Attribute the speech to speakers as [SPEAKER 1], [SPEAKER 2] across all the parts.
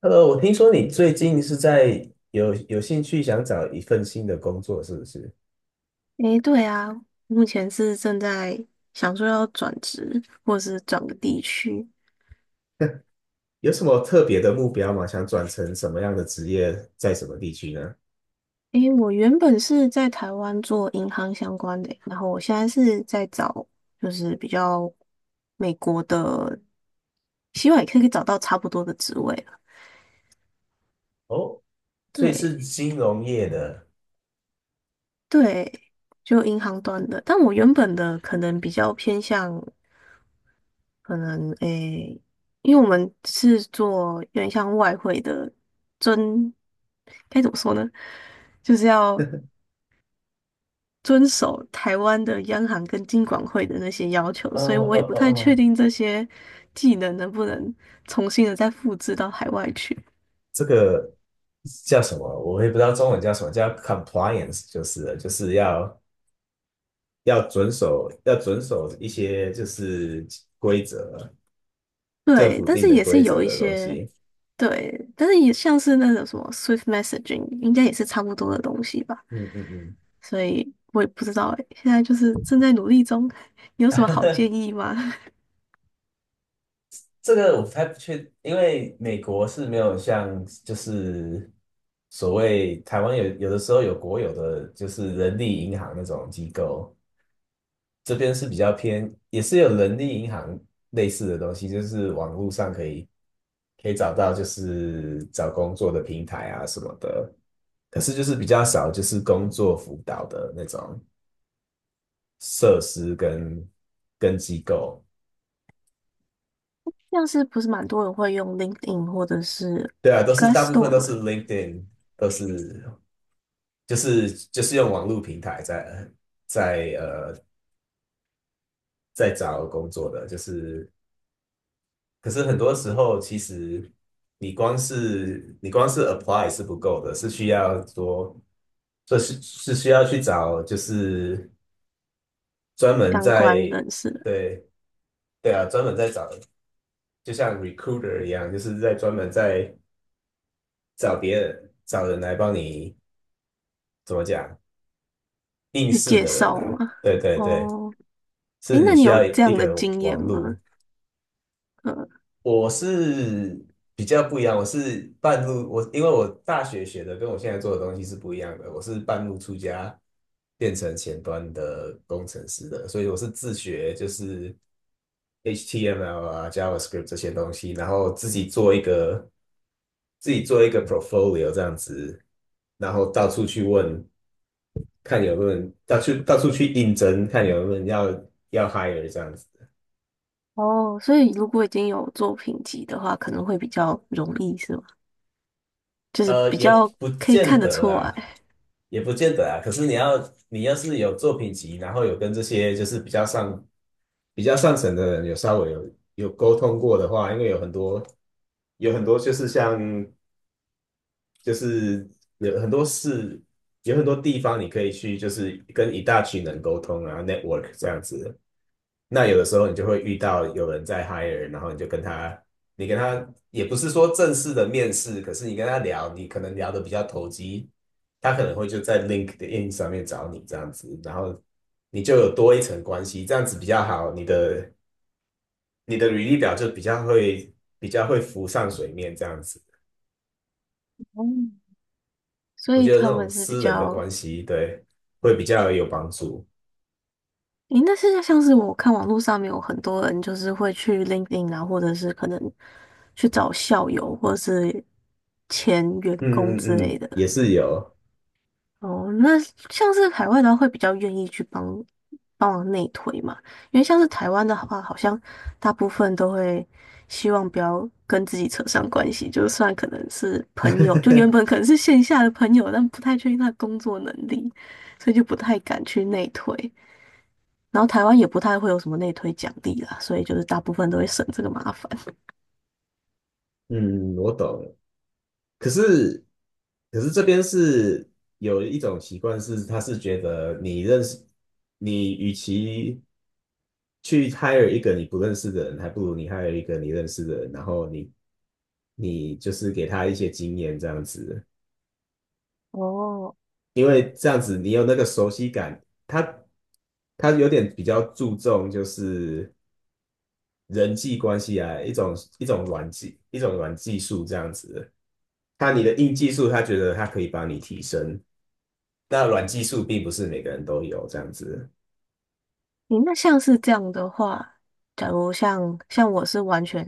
[SPEAKER 1] 我听说你最近是在有兴趣想找一份新的工作，是不是？
[SPEAKER 2] 诶，对啊，目前是正在想说要转职，或是转个地区。
[SPEAKER 1] 有什么特别的目标吗？想转成什么样的职业，在什么地区呢？
[SPEAKER 2] 诶，我原本是在台湾做银行相关的，然后我现在是在找，就是比较美国的，希望也可以找到差不多的职位了。
[SPEAKER 1] 哦，所以
[SPEAKER 2] 对
[SPEAKER 1] 是金融业的，
[SPEAKER 2] 对，就银行端的，但我原本的可能比较偏向。可能诶，因为我们是做有点像外汇的遵，该怎么说呢？就是要遵守台湾的央行跟金管会的那些要求，
[SPEAKER 1] 呃
[SPEAKER 2] 所以我
[SPEAKER 1] 呃
[SPEAKER 2] 也不
[SPEAKER 1] 呃
[SPEAKER 2] 太确
[SPEAKER 1] 呃，
[SPEAKER 2] 定这些技能能不能重新的再复制到海外去。
[SPEAKER 1] 这个叫什么？我也不知道中文叫什么，叫 compliance 就是了就是要遵守一些就是规则，政
[SPEAKER 2] 对，
[SPEAKER 1] 府
[SPEAKER 2] 但
[SPEAKER 1] 定
[SPEAKER 2] 是
[SPEAKER 1] 的
[SPEAKER 2] 也是
[SPEAKER 1] 规
[SPEAKER 2] 有
[SPEAKER 1] 则
[SPEAKER 2] 一
[SPEAKER 1] 的东
[SPEAKER 2] 些
[SPEAKER 1] 西。
[SPEAKER 2] 对，但是也像是那种什么 Swift messaging,应该也是差不多的东西吧。
[SPEAKER 1] 嗯嗯嗯。
[SPEAKER 2] 所以我也不知道诶，现在就是正在努力中，有什么好 建议吗？
[SPEAKER 1] 这个我还不确，因为美国是没有像就是所谓台湾有有的时候有国有的就是人力银行那种机构，这边是比较偏，也是有人力银行类似的东西，就是网络上可以找到就是找工作的平台啊什么的，可是就是比较少就是工作辅导的那种设施跟机构，
[SPEAKER 2] 像是不是蛮多人会用 LinkedIn 或者是
[SPEAKER 1] 对啊，都是大部分
[SPEAKER 2] Glassdoor
[SPEAKER 1] 都
[SPEAKER 2] 嘛
[SPEAKER 1] 是 LinkedIn。都是就是用网络平台在呃在找工作的，就是可是很多时候其实你光是 apply 是不够的，是需要多是需要去找就是专门
[SPEAKER 2] 相
[SPEAKER 1] 在
[SPEAKER 2] 关人士
[SPEAKER 1] 对对啊专门在找，就像 recruiter 一样，就是在专门在找别人找人来帮你怎么讲应
[SPEAKER 2] 去
[SPEAKER 1] 试
[SPEAKER 2] 介
[SPEAKER 1] 的人
[SPEAKER 2] 绍
[SPEAKER 1] 啊，
[SPEAKER 2] 嘛？
[SPEAKER 1] 对对对，
[SPEAKER 2] 哦，诶，
[SPEAKER 1] 是你
[SPEAKER 2] 那你
[SPEAKER 1] 需
[SPEAKER 2] 有
[SPEAKER 1] 要
[SPEAKER 2] 这
[SPEAKER 1] 一
[SPEAKER 2] 样的
[SPEAKER 1] 个
[SPEAKER 2] 经验
[SPEAKER 1] 网
[SPEAKER 2] 吗？
[SPEAKER 1] 络。
[SPEAKER 2] 嗯，
[SPEAKER 1] 我是比较不一样，我是半路，我因为我大学学的跟我现在做的东西是不一样的，我是半路出家变成前端的工程师的，所以我是自学，就是 HTML 啊、JavaScript 这些东西，然后自己做一个 portfolio 这样子，然后到处去问，看有没有人到处去应征，看有没有人要 hire 这样子。
[SPEAKER 2] 哦，所以如果已经有作品集的话，可能会比较容易是吗？就是比
[SPEAKER 1] 也
[SPEAKER 2] 较
[SPEAKER 1] 不
[SPEAKER 2] 可以看
[SPEAKER 1] 见
[SPEAKER 2] 得
[SPEAKER 1] 得
[SPEAKER 2] 出
[SPEAKER 1] 啦，
[SPEAKER 2] 来。
[SPEAKER 1] 也不见得啊。可是你要是有作品集，然后有跟这些就是比较上层的人有稍微有沟通过的话，因为有很多就是像就是有很多事，有很多地方你可以去，就是跟一大群人沟通啊，network 这样子。那有的时候你就会遇到有人在 hire，然后你跟他也不是说正式的面试，可是你跟他聊，你可能聊得比较投机，他可能会就在 LinkedIn 上面找你这样子，然后你就有多一层关系，这样子比较好，你的履历表就比较会浮上水面这样子，
[SPEAKER 2] 哦，所
[SPEAKER 1] 我
[SPEAKER 2] 以
[SPEAKER 1] 觉得那
[SPEAKER 2] 他
[SPEAKER 1] 种
[SPEAKER 2] 们是比
[SPEAKER 1] 私人的
[SPEAKER 2] 较，
[SPEAKER 1] 关系，对，会比较有帮助。
[SPEAKER 2] 诶，那现在像是我看网络上面有很多人就是会去 LinkedIn 啊，或者是可能去找校友或者是前员工
[SPEAKER 1] 嗯
[SPEAKER 2] 之
[SPEAKER 1] 嗯
[SPEAKER 2] 类
[SPEAKER 1] 嗯，
[SPEAKER 2] 的，
[SPEAKER 1] 也是有。
[SPEAKER 2] 哦，那像是海外的话，会比较愿意去帮帮忙内推嘛，因为像是台湾的话，好像大部分都会希望不要跟自己扯上关系，就算可能是朋友，就原本 可能是线下的朋友，但不太确定他的工作能力，所以就不太敢去内推。然后台湾也不太会有什么内推奖励啦，所以就是大部分都会省这个麻烦。
[SPEAKER 1] 嗯，我懂。可是，可是这边是有一种习惯是，他是觉得你认识，你与其去 hire 一个你不认识的人，还不如你 hire 一个你认识的人，然后你就是给他一些经验这样子，
[SPEAKER 2] 哦
[SPEAKER 1] 因为这样子你有那个熟悉感，他他有点比较注重就是人际关系啊，一种软技术这样子，你的硬技术，他觉得他可以帮你提升。那软技术并不是每个人都有这样子，
[SPEAKER 2] 你那像是这样的话，假如像我是完全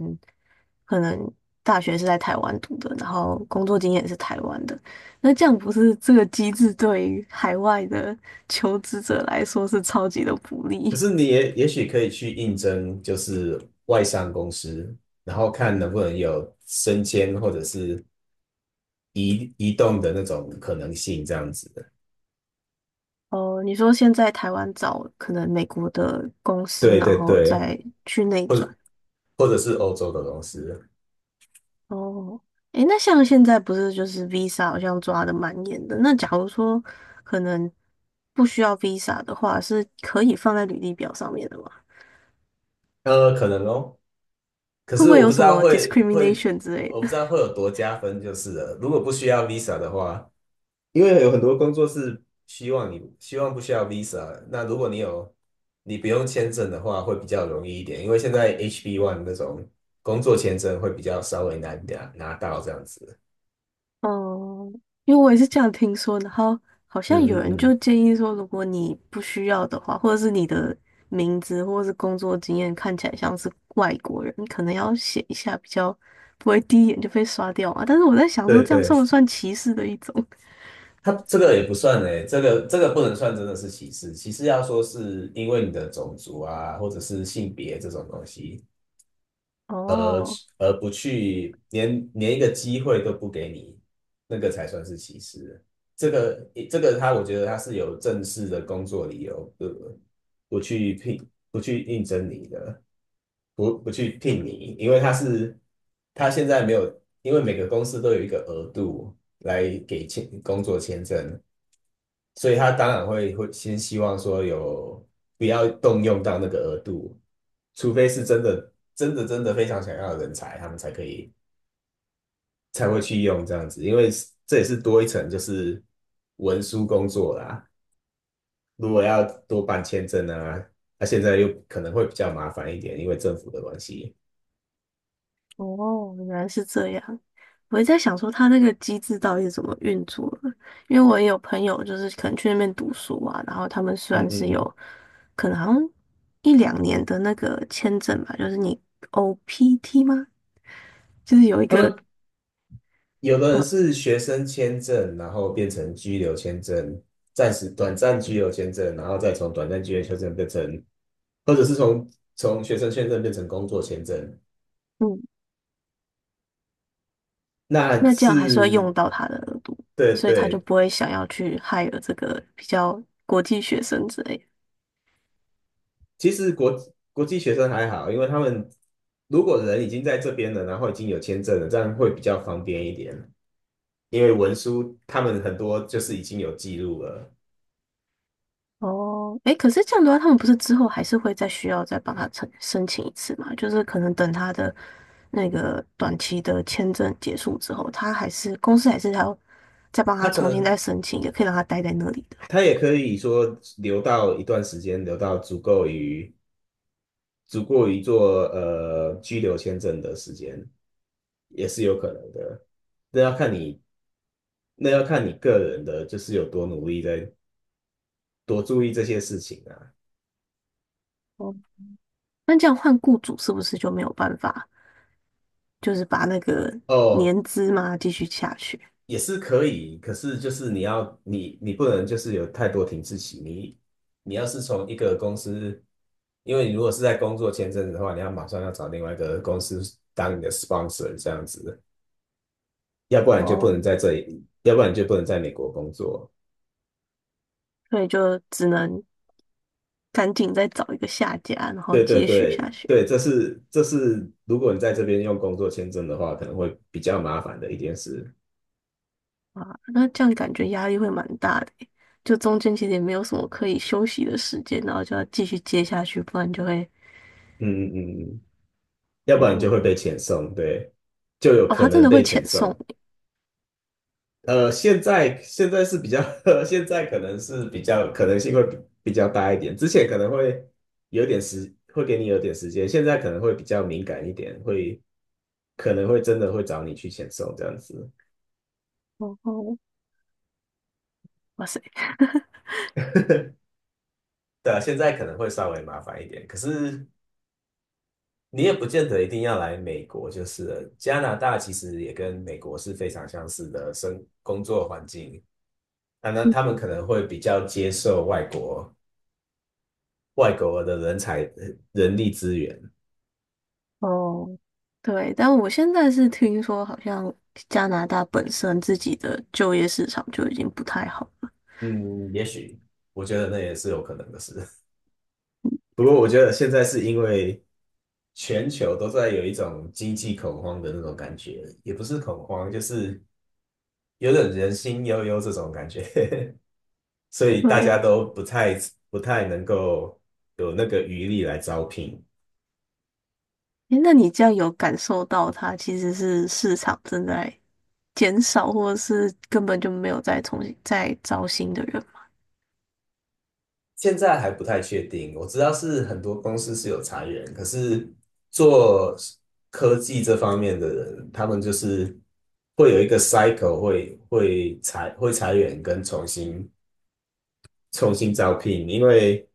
[SPEAKER 2] 可能大学是在台湾读的，然后工作经验是台湾的，那这样不是这个机制对于海外的 求职者来说是超级的不
[SPEAKER 1] 可
[SPEAKER 2] 利
[SPEAKER 1] 是你也许可以去应征，就是外商公司，然后看能不能有升迁或者是移动的那种可能性，这样子。
[SPEAKER 2] 哦？你说现在台湾找可能美国的公司，
[SPEAKER 1] 对
[SPEAKER 2] 然
[SPEAKER 1] 对
[SPEAKER 2] 后
[SPEAKER 1] 对，
[SPEAKER 2] 再去内
[SPEAKER 1] 或
[SPEAKER 2] 转。
[SPEAKER 1] 者或者是欧洲的公司，
[SPEAKER 2] 哦，诶，那像现在不是就是 Visa 好像抓的蛮严的，那假如说可能不需要 Visa 的话，是可以放在履历表上面的吗？
[SPEAKER 1] 可能哦。可
[SPEAKER 2] 会不
[SPEAKER 1] 是
[SPEAKER 2] 会有什么 discrimination 之类
[SPEAKER 1] 我不
[SPEAKER 2] 的？
[SPEAKER 1] 知道会有多加分，就是了。如果不需要 Visa 的话，因为有很多工作是希望不需要 visa，那如果你不用签证的话，会比较容易一点，因为现在 H1B 那种工作签证会比较稍微难点拿到这样子。
[SPEAKER 2] 哦，因为我也是这样听说，然后好像
[SPEAKER 1] 嗯
[SPEAKER 2] 有人
[SPEAKER 1] 嗯
[SPEAKER 2] 就
[SPEAKER 1] 嗯，
[SPEAKER 2] 建议说，如果你不需要的话，或者是你的名字或者是工作经验看起来像是外国人，你可能要写一下，比较不会第一眼就被刷掉啊。但是我在想说，
[SPEAKER 1] 对
[SPEAKER 2] 这样
[SPEAKER 1] 对，
[SPEAKER 2] 算不算歧视的一种？
[SPEAKER 1] 他这个也不算诶，这个不能算真的是歧视，歧视要说是因为你的种族啊，或者是性别这种东西，
[SPEAKER 2] 哦，
[SPEAKER 1] 而不去连一个机会都不给你，那个才算是歧视。这个这个他，我觉得他是有正式的工作理由，对不对不去应征你的，不去聘你，因为他现在没有，因为每个公司都有一个额度来给签工作签证，所以他当然会先希望说不要动用到那个额度，除非是真的真的真的非常想要的人才，他们才可以才会去用这样子，因为这也是多一层就是文书工作啦。如果要多办签证啊，那、现在又可能会比较麻烦一点，因为政府的关系。
[SPEAKER 2] 哦，原来是这样。我也在想说，他那个机制到底是怎么运作的？因为我也有朋友，就是可能去那边读书啊，然后他们虽
[SPEAKER 1] 嗯
[SPEAKER 2] 然
[SPEAKER 1] 嗯
[SPEAKER 2] 是
[SPEAKER 1] 嗯，
[SPEAKER 2] 有可能好像一两年的那个签证吧，就是你 OPT 吗？就是有一
[SPEAKER 1] 他
[SPEAKER 2] 个，
[SPEAKER 1] 们有的人
[SPEAKER 2] 嗯
[SPEAKER 1] 是学生签证，然后变成居留签证，暂时短暂居留签证，然后再从短暂居留签证变成，或者是从学生签证变成工作签证。
[SPEAKER 2] 嗯，
[SPEAKER 1] 那
[SPEAKER 2] 那这样还是要
[SPEAKER 1] 是，
[SPEAKER 2] 用到他的额度，
[SPEAKER 1] 对
[SPEAKER 2] 所以他就
[SPEAKER 1] 对，
[SPEAKER 2] 不会想要去害了这个比较国际学生之类的
[SPEAKER 1] 其实国际学生还好，因为他们如果人已经在这边了，然后已经有签证了，这样会比较方便一点。因为文书他们很多就是已经有记录了，
[SPEAKER 2] 哦，哎，可是这样的话，他们不是之后还是会再需要再帮他申请一次嘛？就是可能等他的那个短期的签证结束之后，他还是公司还是还要再帮他
[SPEAKER 1] 他可
[SPEAKER 2] 重新再
[SPEAKER 1] 能
[SPEAKER 2] 申请一个可以让他待在那里的。
[SPEAKER 1] 他也可以说留到一段时间，留到足过于做居留签证的时间，也是有可能的。那要看你，那要看你个人的，就是有多努力在多注意这些事情啊。
[SPEAKER 2] 哦，那这样换雇主是不是就没有办法，就是把那个
[SPEAKER 1] 哦，
[SPEAKER 2] 年资嘛继续下去？
[SPEAKER 1] 也是可以，可是就是你要你你不能就是有太多停滞期。你要是从一个公司，因为你如果是在工作签证的话，你要马上要找另外一个公司当你的 sponsor 这样子，要不然你就不
[SPEAKER 2] 哦，
[SPEAKER 1] 能在这里，要不然你就不能在美国工作。
[SPEAKER 2] 所以就只能赶紧再找一个下家，然后
[SPEAKER 1] 对对
[SPEAKER 2] 接续
[SPEAKER 1] 对
[SPEAKER 2] 下去。
[SPEAKER 1] 对，这是如果你在这边用工作签证的话，可能会比较麻烦的一件事。
[SPEAKER 2] 啊，那这样感觉压力会蛮大的欸就中间其实也没有什么可以休息的时间，然后就要继续接下去，不然就会，
[SPEAKER 1] 嗯嗯嗯。要不然你就
[SPEAKER 2] 嗯，
[SPEAKER 1] 会被遣送，对，就有
[SPEAKER 2] 哦，
[SPEAKER 1] 可
[SPEAKER 2] 他真
[SPEAKER 1] 能
[SPEAKER 2] 的
[SPEAKER 1] 被
[SPEAKER 2] 会遣
[SPEAKER 1] 遣
[SPEAKER 2] 送
[SPEAKER 1] 送。
[SPEAKER 2] 你
[SPEAKER 1] 现在是比较，现在可能是比较可能性会比较大一点，之前可能会有点时，会给你有点时间，现在可能会比较敏感一点，可能会真的会找你去遣送这样子。
[SPEAKER 2] 哦哦，哇塞，
[SPEAKER 1] 对啊，现在可能会稍微麻烦一点，可是你也不见得一定要来美国，就是了加拿大其实也跟美国是非常相似的工作环境，那他们可能会比较接受外国的人力资源，
[SPEAKER 2] 哦，对，但我现在是听说好像加拿大本身自己的就业市场就已经不太好了，
[SPEAKER 1] 嗯，也许我觉得那也是有可能的事。不过我觉得现在是因为全球都在有一种经济恐慌的那种感觉，也不是恐慌，就是有点人心悠悠这种感觉。所以大家
[SPEAKER 2] 对，
[SPEAKER 1] 都不太能够有那个余力来招聘。
[SPEAKER 2] 诶，那你这样有感受到它其实是市场正在减少，或者是根本就没有再重新再招新的人？
[SPEAKER 1] 现在还不太确定，我知道是很多公司是有裁员，可是做科技这方面的人，他们就是会有一个 cycle，会裁员跟重新招聘，因为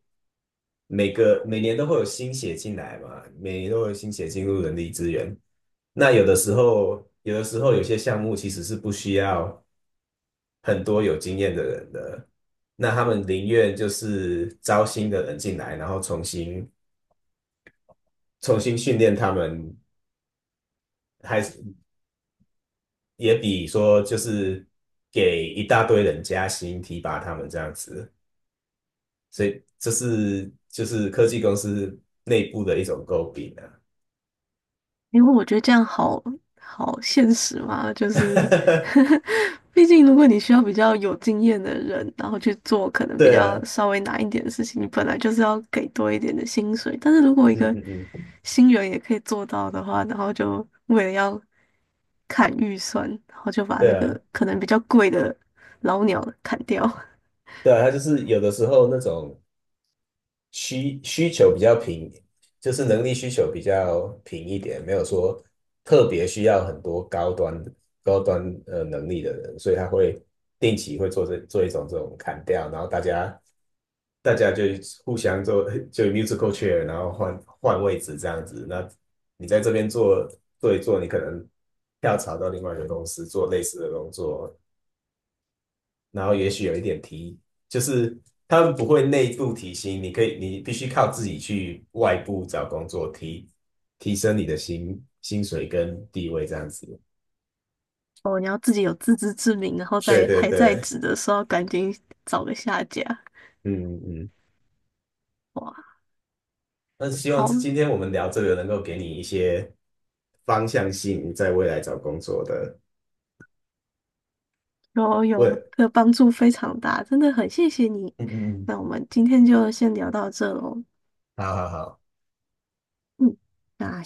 [SPEAKER 1] 每年都会有新血进来嘛，每年都会有新血进入人力资源。那有的时候有些项目其实是不需要。很多有经验的人的，那他们宁愿就是招新的人进来，然后重新训练他们，还是也比说就是给一大堆人加薪提拔他们这样子，所以这是就是科技公司内部的一种诟病啊。
[SPEAKER 2] 因为我觉得这样好现实嘛，就是，毕竟如果你需要比较有经验的人，然后去做可能比
[SPEAKER 1] 对啊，
[SPEAKER 2] 较稍微难一点的事情，你本来就是要给多一点的薪水。但是如果一
[SPEAKER 1] 嗯
[SPEAKER 2] 个
[SPEAKER 1] 嗯嗯，
[SPEAKER 2] 新人也可以做到的话，然后就为了要砍预算，然后就把
[SPEAKER 1] 对
[SPEAKER 2] 那
[SPEAKER 1] 啊，
[SPEAKER 2] 个可能比较贵的老鸟砍掉。
[SPEAKER 1] 对啊，他就是有的时候那种需求比较平，就是能力需求比较平一点，没有说特别需要很多高端能力的人，所以他会定期会做一种这种砍掉，然后大家就互相做 就 musical chair，然后换位置这样子。那你在这边做一做，你可能跳槽到另外一个公司做类似的工作，然后也许有一点提，就是他们不会内部提薪，你可以，你必须靠自己去外部找工作，提升你的薪水跟地位这样子。
[SPEAKER 2] 哦，你要自己有自知之明，然后
[SPEAKER 1] 对
[SPEAKER 2] 在
[SPEAKER 1] 对
[SPEAKER 2] 还在
[SPEAKER 1] 对，
[SPEAKER 2] 职的时候赶紧找个下家。
[SPEAKER 1] 嗯嗯，
[SPEAKER 2] 哇，
[SPEAKER 1] 但是希望
[SPEAKER 2] 好，
[SPEAKER 1] 是今天我们聊这个能够给你一些方向性，在未来找工作的
[SPEAKER 2] 有有
[SPEAKER 1] 问，
[SPEAKER 2] 的帮助非常大，真的很谢谢你。
[SPEAKER 1] 嗯嗯嗯，
[SPEAKER 2] 那我们今天就先聊到这喽，
[SPEAKER 1] 好好好。
[SPEAKER 2] 嗯，那。